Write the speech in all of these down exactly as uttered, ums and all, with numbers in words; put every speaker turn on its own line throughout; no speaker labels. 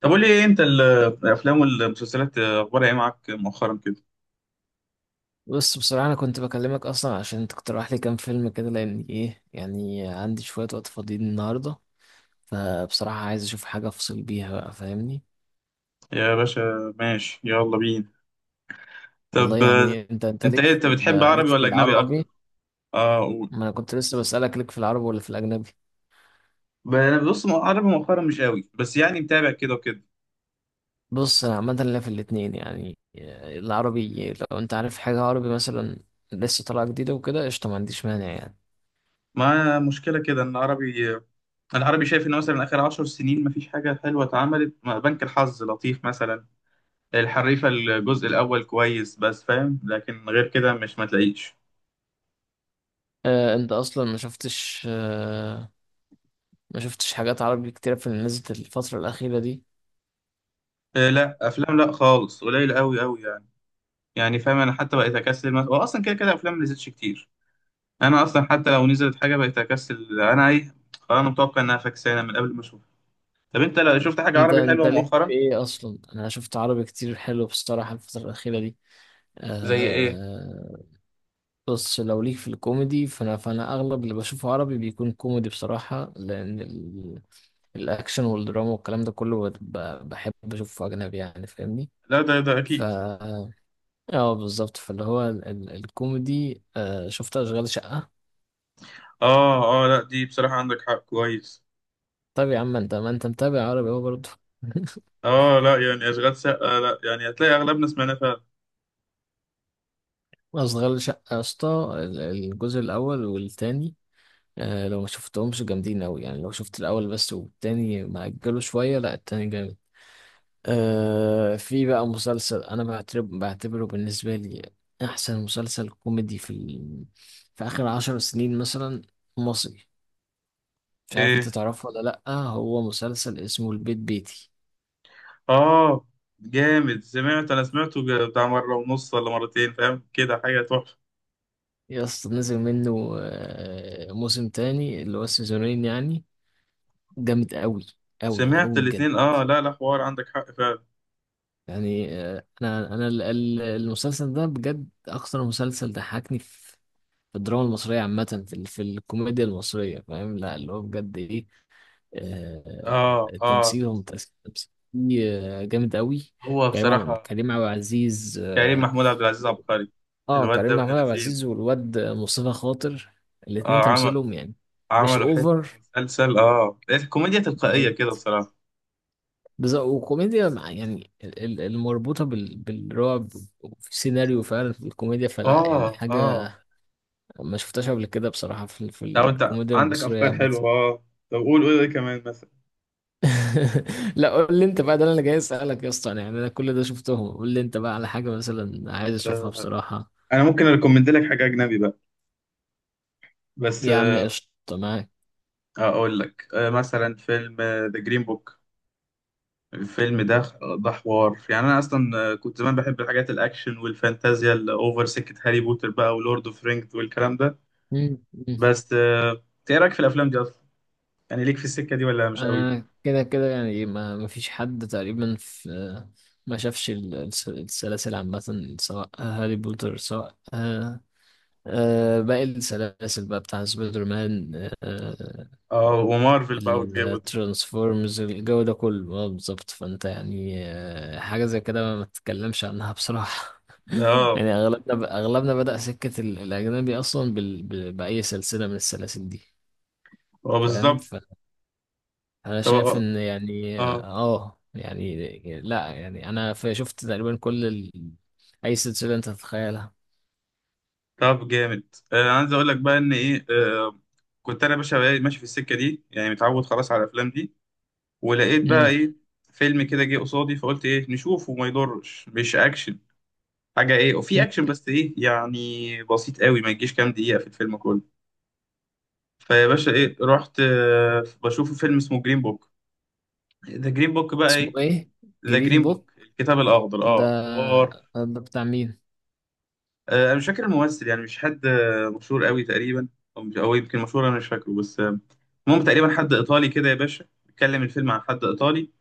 طب قول لي ايه انت ال- الافلام والمسلسلات اخبارها ايه معاك مؤخرا كده.
بص، بصراحة أنا كنت بكلمك أصلا عشان تقترح لي كام فيلم كده، لأن إيه يعني عندي شوية وقت فاضيين النهاردة. فبصراحة عايز أشوف حاجة أفصل بيها بقى، فاهمني.
يا باشا ماشي، يلا بينا.
والله
طب آه،
يعني أنت أنت
انت
ليك
ايه،
في
انت بتحب
ال- ليك
عربي
في
ولا اجنبي اكتر؟
العربي؟
اه قول.
ما أنا كنت لسه بسألك ليك في العربي ولا في الأجنبي؟
ب- انا بص، مو- عربي مؤخرا مش قوي، بس يعني متابع كده وكده.
بص، أنا عامة ليا في الاتنين يعني. العربي لو أنت عارف حاجة عربي مثلا لسه طالعة جديدة وكده، قشطة، ما عنديش مانع يعني.
ما مشكله كده ان عربي آه، العربي شايف ان مثلا اخر عشر سنين مفيش حاجه حلوه اتعملت، ما- بنك الحظ لطيف مثلا. الحريفه الجزء الاول كويس بس فاهم، لكن غير كده مش، ما تلاقيش.
أه أنت أصلا ما شفتش أه ما شفتش حاجات عربي كتيرة في اللي نزلت الفترة الأخيرة دي.
آه، لا افلام لا خالص، قليل قوي قوي. يعني فاهم، انا حتى بقيت اكسل، هو اصلا كده كده افلام ما نزلتش كتير. انا اصلا حتى لو نزلت حاجه بقيت اكسل انا ايه، خلاص انا متوقع انها فكسانه من قبل ما اشوفها. طب انت لو شفت حاجه
انت
عربي
انت
حلوه
ليك في
مؤخرا؟
ايه اصلا؟ انا شفت عربي كتير حلو بصراحه الفتره الاخيره دي.
زي ايه؟
آه. بص، لو ليك في الكوميدي فانا فانا اغلب اللي بشوفه عربي بيكون كوميدي بصراحه، لان ال... الاكشن والدراما والكلام ده كله بت- ب- بحب اشوفه اجنبي يعني، فاهمني.
لا، ده ده
ف
اكيد.
اه بالظبط، فاللي هو ال... ال... الكوميدي، آه شفت اشغال شقه.
اه اه، لا دي بصراحه عندك حق كويس.
طب يا عم، انت ما انت متابع عربي اهو برضه.
اه لا يعني اشغال شقه، لا يعني هتلاقي اغلبنا سمعناه فعلا.
اشغال شقه يا اسطى، ال- الجزء الاول والتاني. آه لو ما شفتهمش جامدين أوي يعني، لو شفت الأول بس والتاني مأجله شوية، لأ التاني جامد. آه في بقى مسلسل، أنا بعتبر بعتبره بالنسبة لي أحسن مسلسل كوميدي في ال... في آخر عشر سنين مثلا، مصري. مش عارف أنت
ايه؟
تعرفه ولا لأ؟ هو مسلسل اسمه البيت بيتي.
اه جامد، سمعت، انا سمعته ج- بتاع مره ونص ولا مرتين، فاهم كده حاجه تحفه.
يا اسطى، نزل منه آه موسم تاني، اللي هو السيزونين يعني. جامد أوي أوي
سمعت
أوي بجد.
الاتنين اه، لا لا، حوار، عندك حق فعلا.
يعني، آه، انا انا ال- ال- المسلسل ده بجد اكثر مسلسل ضحكني في في الدراما المصريه عامه، في ال- في الكوميديا المصريه، فاهم؟ لا اللي هو بجد ايه. آه،
اه اه،
التمثيل هو متأثر، التمثيل فيه، آه، جامد قوي.
هو
كريم عب-
بصراحة
كريم عبد العزيز.
كريم
اه.
محمود عبد العزيز عبقري.
آه،
الواد ده
كريم
ابن
محمود عبد
لذين.
العزيز والواد مصطفى خاطر. الاتنين
اه عمل،
تمثيلهم يعني مش
عملوا حتة
اوفر،
مسلسل اه، الكوميديا تلقائية كده
بالظبط.
بصراحة.
بالظبط، وكوميديا مع- يعني ال- ال- المربوطة بال- بالرعب، وفي سيناريو فعلا في الكوميديا، فلا يعني
اه
حاجة
اه،
ما شفتهاش قبل كده بصراحة في, في
لو انت
الكوميديا
عندك
المصرية
افكار
عامة.
حلوة، اه طب قول قول، ايه كمان مثلا؟
لا، قول لي انت بقى، ده اللي انا جاي اسألك يا اسطى، انا يعني انا كل ده شفتهم، قول لي انت بقى على حاجة مثلا عايز اشوفها بصراحة.
انا ممكن اريكومند لك حاجة اجنبي بقى، بس
يا عم،
آه،
قشطة، معاك.
اقول لك آه، مثلا فيلم ذا جرين بوك. الفيلم ده، ده حوار، يعني انا اصلا آه، كنت زمان بحب الحاجات الاكشن والفانتازيا الاوفر، سكة هاري بوتر بقى ولورد اوف رينجز والكلام ده.
مم. مم.
بس آه، ايه رايك في الافلام دي اصلا؟ يعني ليك في السكة دي ولا مش قوي؟
انا كده كده يعني ما ما فيش حد تقريبا في ما شافش ال- الس- السلاسل عامة، سواء هاري بوتر، سواء آه، آه، باقي السلاسل بقى بتاع سبايدر مان، آه،
اه، ومارفل بقى والجو ده.
الترانسفورمز، الجو ده كله، اه بالظبط. فانت يعني آه، حاجه زي كده ما تتكلمش عنها بصراحه.
ده اه،
يعني اغلبنا اغلبنا بدأ سكه ال- الاجنبي اصلا بال... ب- باي سلسله من السلاسل دي.
هو
فاهم،
بالظبط.
فانا
طب
شايف
اه
ان يعني
آه،
اه يعني لا يعني انا ف- شفت تقريبا كل ال... اي سلسله انت تتخيلها.
طب جامد، آه، انا عايز اقول لك بقى ان ايه آه. كنت انا يا باشا بقى ماشي في السكه دي، يعني متعود خلاص على الافلام دي. ولقيت بقى
امم
ايه، فيلم كده جه قصادي، فقلت ايه نشوفه ما يضرش، مش اكشن، حاجه ايه، وفي اكشن بس ايه يعني، بسيط قوي ما يجيش كام دقيقه في الفيلم كله. فيا باشا ايه رحت آه بشوف فيلم اسمه جرين بوك، ذا جرين بوك بقى
اسمه
ايه.
ايه؟
ذا
جرين
جرين
بوك.
بوك، الكتاب الاخضر
ده
اه، حوار.
ده بتاع مين؟
آه، انا مش فاكر الممثل، يعني مش حد آه، مشهور قوي تقريبا، او مش، أو يمكن مشهور، انا مش فاكره، بس آه، المهم تقريبا حد ايطالي كده يا باشا. بيتكلم الفيلم عن حد ايطالي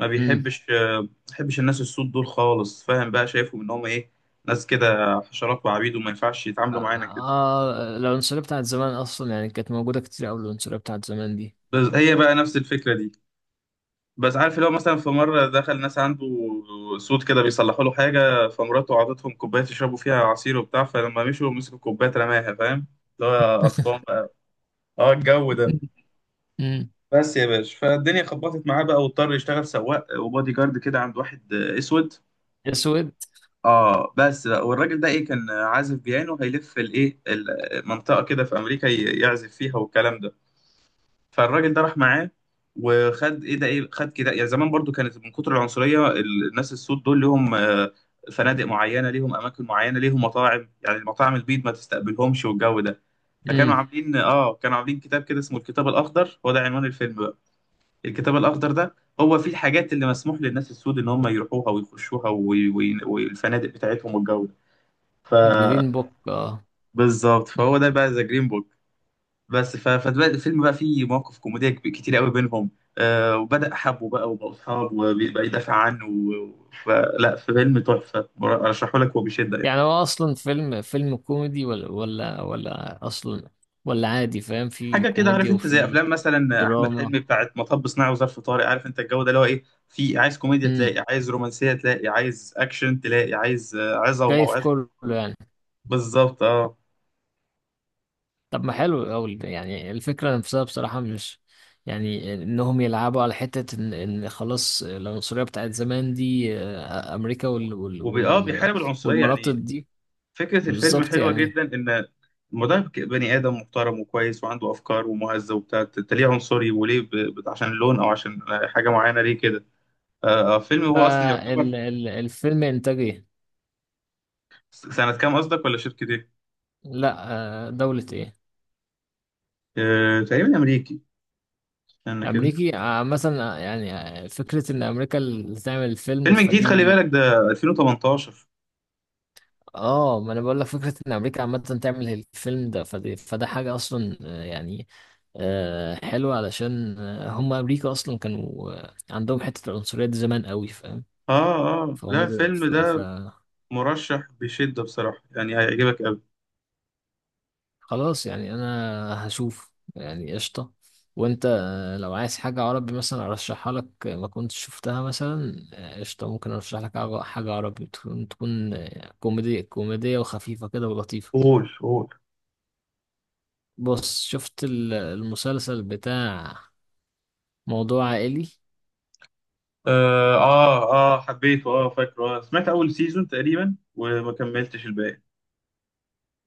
ما بيحبش، آه، ما بيحبش الناس السود دول خالص، فاهم بقى شايفهم ان هم ايه، ناس كده حشرات وعبيد وما ينفعش
آه،
يتعاملوا معانا كده.
آه، العنصرية بتاعت زمان أصلا يعني كانت موجودة كتير أوي، العنصرية بتاعت زمان دي.
بس هي بقى نفس الفكرة دي، بس عارف لو مثلا في مرة دخل ناس عنده سود كده بيصلحوا له حاجة، فمراته عطتهم كوباية يشربوا فيها عصير وبتاع، فلما مشوا مسكوا الكوباية رماها، فاهم، اللي هو قرفان بقى، اه الجو ده.
امم.
بس يا باشا، فالدنيا خبطت معاه بقى، واضطر يشتغل سواق وبادي جارد كده عند واحد آه، اسود.
أسود.
اه بس بقى، والراجل ده ايه، كان عازف بيانو هيلف الايه، المنطقه كده في امريكا ي- يعزف فيها والكلام ده. فالراجل ده راح معاه، وخد ايه، ده ايه، خد كده يعني زمان برضو كانت من كتر العنصريه ال- الناس السود دول ليهم آه، فنادق معينه، ليهم اماكن معينه، ليهم مطاعم، يعني المطاعم البيض ما تستقبلهمش والجو ده. فكانوا
أمم.
عاملين اه، كانوا عاملين كتاب كده اسمه الكتاب الاخضر، هو ده عنوان الفيلم، الكتاب الأخضر ده، هو فيه الحاجات اللي مسموح للناس السود إن هم يروحوها ويخشوها وي- وي- والفنادق بتاعتهم والجو ده. ف-
جرين بوك. آه.
بالظبط،
مم.
فهو ده بقى ذا جرين بوك. بس ف- فبدأ الفيلم بقى، فيه مواقف كوميدية كب- كتير قوي بينهم آه، وبدأ حبه بقى وبقوا أصحاب وبيبقى يدافع عنه، و- فلا، فيلم تحفة، مر- أرشحه لك وبشدة يعني.
يعني هو أصلا فيلم فيلم كوميدي ولا ولا ولا أصلا ولا عادي، فاهم؟ في
حاجة كده، عارف
كوميديا
أنت زي
وفي
أفلام مثلا أحمد
دراما.
حلمي بتاعت مطب صناعي وظرف طارق، عارف أنت الجو ده، اللي هو إيه، في عايز كوميديا
أمم.
تلاقي، عايز رومانسية تلاقي، عايز أكشن تلاقي، عايز آه، عظة
جاي في
وموعظة.
كله يعني.
بالظبط اه،
طب ما حلو أوي يعني، الفكرة نفسها بصراحة، مش يعني إنهم يلعبوا على حتة إن, إن خلاص العنصرية بتاعت زمان دي آه، أمريكا، وال, وال,
وبي اه
وال
بيحارب العنصرية
والمناطق
يعني.
دي.
فكرة الفيلم
بالظبط
حلوة
يعني.
جدا، إن المدرب ك- بني آدم محترم وكويس وعنده أفكار ومهذب وبتاع، أنت أنت ليه عنصري؟ وليه ب... ب- عشان اللون أو عشان حاجة معينة ليه كده؟ آه آه، فيلم، هو أصلا يعتبر
فالفيلم إنتاج إيه؟
س- سنة كام قصدك، ولا شركة إيه؟
لا، آه، دولة إيه؟
آه تقريبا أمريكي، استنى كده،
أمريكي، آه، مثلا آه، يعني آه، فكرة إن أمريكا اللي تعمل الفيلم
فيلم جديد خلي
فدي.
بالك، ده ألفين وتمنتاشر.
اه، ما انا بقول لك فكره ان امريكا عامه تعمل الفيلم ده، فده, فده حاجه اصلا آه، يعني آه، حلوه، علشان آه، هم امريكا اصلا كانوا آه، عندهم حته العنصريه دي زمان قوي، فاهم؟
آه آه لا،
فهم زي-
الفيلم
ف- ف-
ده مرشح بشدة بصراحة، يعني هيعجبك أوي.
خلاص يعني انا هشوف يعني قشطه. وانت، آه، لو عايز حاجه عربي مثلا ارشحها لك، آه، ما كنتش شفتها مثلا، آه، قشطه، ممكن ارشح لك حاجه حاجة عربي تكون تكون آه، كوميدي كوميديه وخفيفه كده ولطيفه.
قول قول.
بص، شفت ال- المسلسل بتاع موضوع عائلي،
اه اه، آه، حبيته، اه فاكره. آه. سمعت اول سيزون تقريبا وما كملتش الباقي.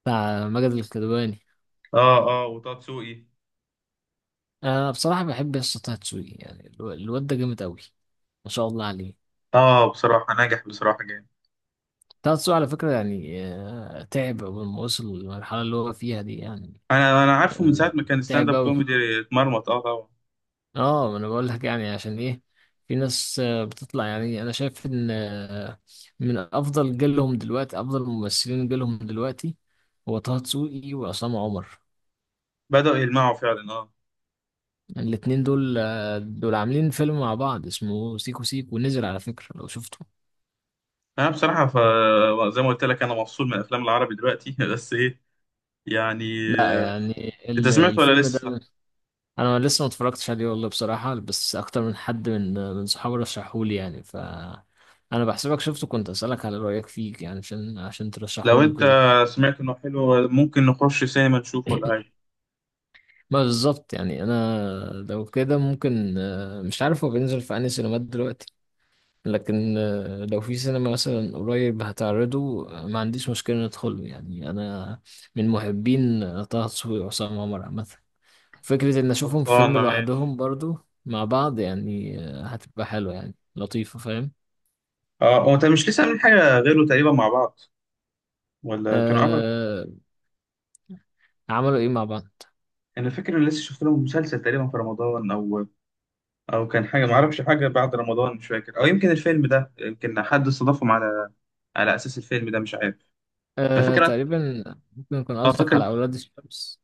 بتاع ماجد الكدواني؟
اه اه وتاتسوقي.
انا بصراحه بحب يسطا طه دسوقي يعني، الو- الواد ده جامد قوي، ما شاء الله عليه.
اه بصراحة نجح، بصراحة جامد.
طه دسوقي على فكره يعني، آه، تعب اول ما وصل للمرحله اللي هو فيها دي يعني،
انا انا عارفه من
آه،
ساعة ما كان ستاند
تعب
اب
قوي.
كوميدي، اتمرمط اه طبعا.
اه، ما انا بقول لك يعني عشان ايه؟ في ناس آه، بتطلع يعني، انا شايف ان آه، من افضل جيلهم دلوقتي، افضل ممثلين جيلهم دلوقتي هو طه دسوقي وعصام عمر.
بدأوا يلمعوا فعلا اه.
الاتنين دول، دول عاملين فيلم مع بعض اسمه سيكو سيكو، ونزل على فكرة لو شفته.
انا بصراحة ف... زي ما قلت لك انا مفصول من الافلام العربي دلوقتي بس ايه، يعني
لا
آه،
يعني
انت
ال-
سمعت ولا
الفيلم
لسه،
ده،
صح؟
انا لسه ما اتفرجتش عليه والله بصراحة، بس اكتر من حد من من صحابي رشحهولي يعني. ف انا بحسبك شفته، كنت اسالك على رايك فيك يعني، عشان عشان
لو
ترشحهولي
انت
وكده.
سمعت انه حلو، ممكن نخش سينما نشوف ولا حاجة.
ما بالظبط يعني، انا لو كده ممكن، آه، مش عارف هو بينزل في انهي سينمات دلوقتي، لكن آه، لو في سينما مثلا قريب هتعرضه، آه، ما عنديش مشكلة ندخله يعني، أنا من محبين آه، طه دسوقي وعصام عمر عامة، فكرة إن أشوفهم في فيلم
خلصانة ماشي.
لوحدهم برضو مع بعض يعني آه، هتبقى حلوة يعني لطيفة، فاهم؟
اه، هو انت مش لسه عاملين حاجة غيره تقريبا مع بعض، ولا كانوا عملوا؟
أه، عملوا إيه مع بعض؟
انا فاكر ان لسه شفت لهم مسلسل تقريبا في رمضان، او او كان حاجه ما اعرفش، حاجه بعد رمضان مش فاكر، او يمكن الفيلم ده، يمكن حد استضافهم على على اساس الفيلم ده مش عارف. انا
أه،
فاكر
تقريبا ممكن يكون
اه،
قصدك
فاكر.
على أولاد الشمس.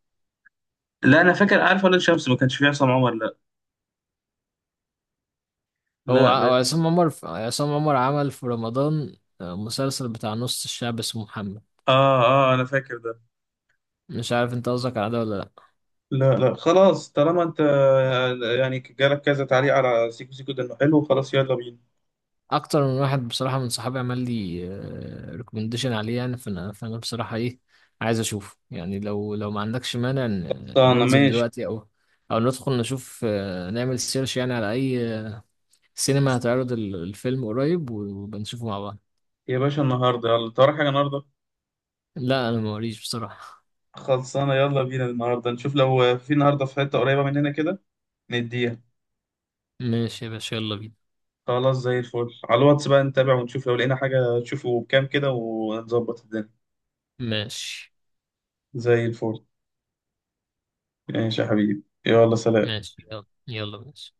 لا انا فاكر، عارف ولاد شمس ما كانش فيه عصام عمر، لا
هو
لا
ع- هو
بس.
عصام عمر، ف- عصام عمر عمل في رمضان آه، مسلسل بتاع نص الشعب اسمه محمد.
اه اه، انا فاكر ده.
مش عارف انت قصدك على ده ولا؟
لا لا خلاص، طالما انت يعني جالك كذا تعليق على سيكو سيكو ده انه حلو، خلاص يلا بينا.
اكتر من واحد بصراحه من صحابي عمل لي ريكومنديشن عليه، يعني فانا فانا بصراحه ايه عايز اشوفه يعني، لو لو ما عندكش مانع ن-
خلصانه
ننزل
ماشي
دلوقتي، او او ندخل نشوف، آه، نعمل سيرش يعني على اي سينما هتعرض ال- الفيلم قريب، وبنشوفه مع بعض.
يا باشا. النهارده، يلا انت وراك حاجه النهارده؟
لا، انا موريش بصراحه.
خلصانه، يلا بينا النهارده نشوف، لو في النهارده في حته قريبه مننا كده نديها.
ماشي يا باشا، يلا بينا.
خلاص زي الفل، على الواتس بقى نتابع ونشوف لو لقينا حاجة تشوفه بكام كده، ونظبط الدنيا.
ماشي،
زي الفل. ماشي يا حبيبي، يلا سلام.
ماشي، يلا، يلا، ماشي.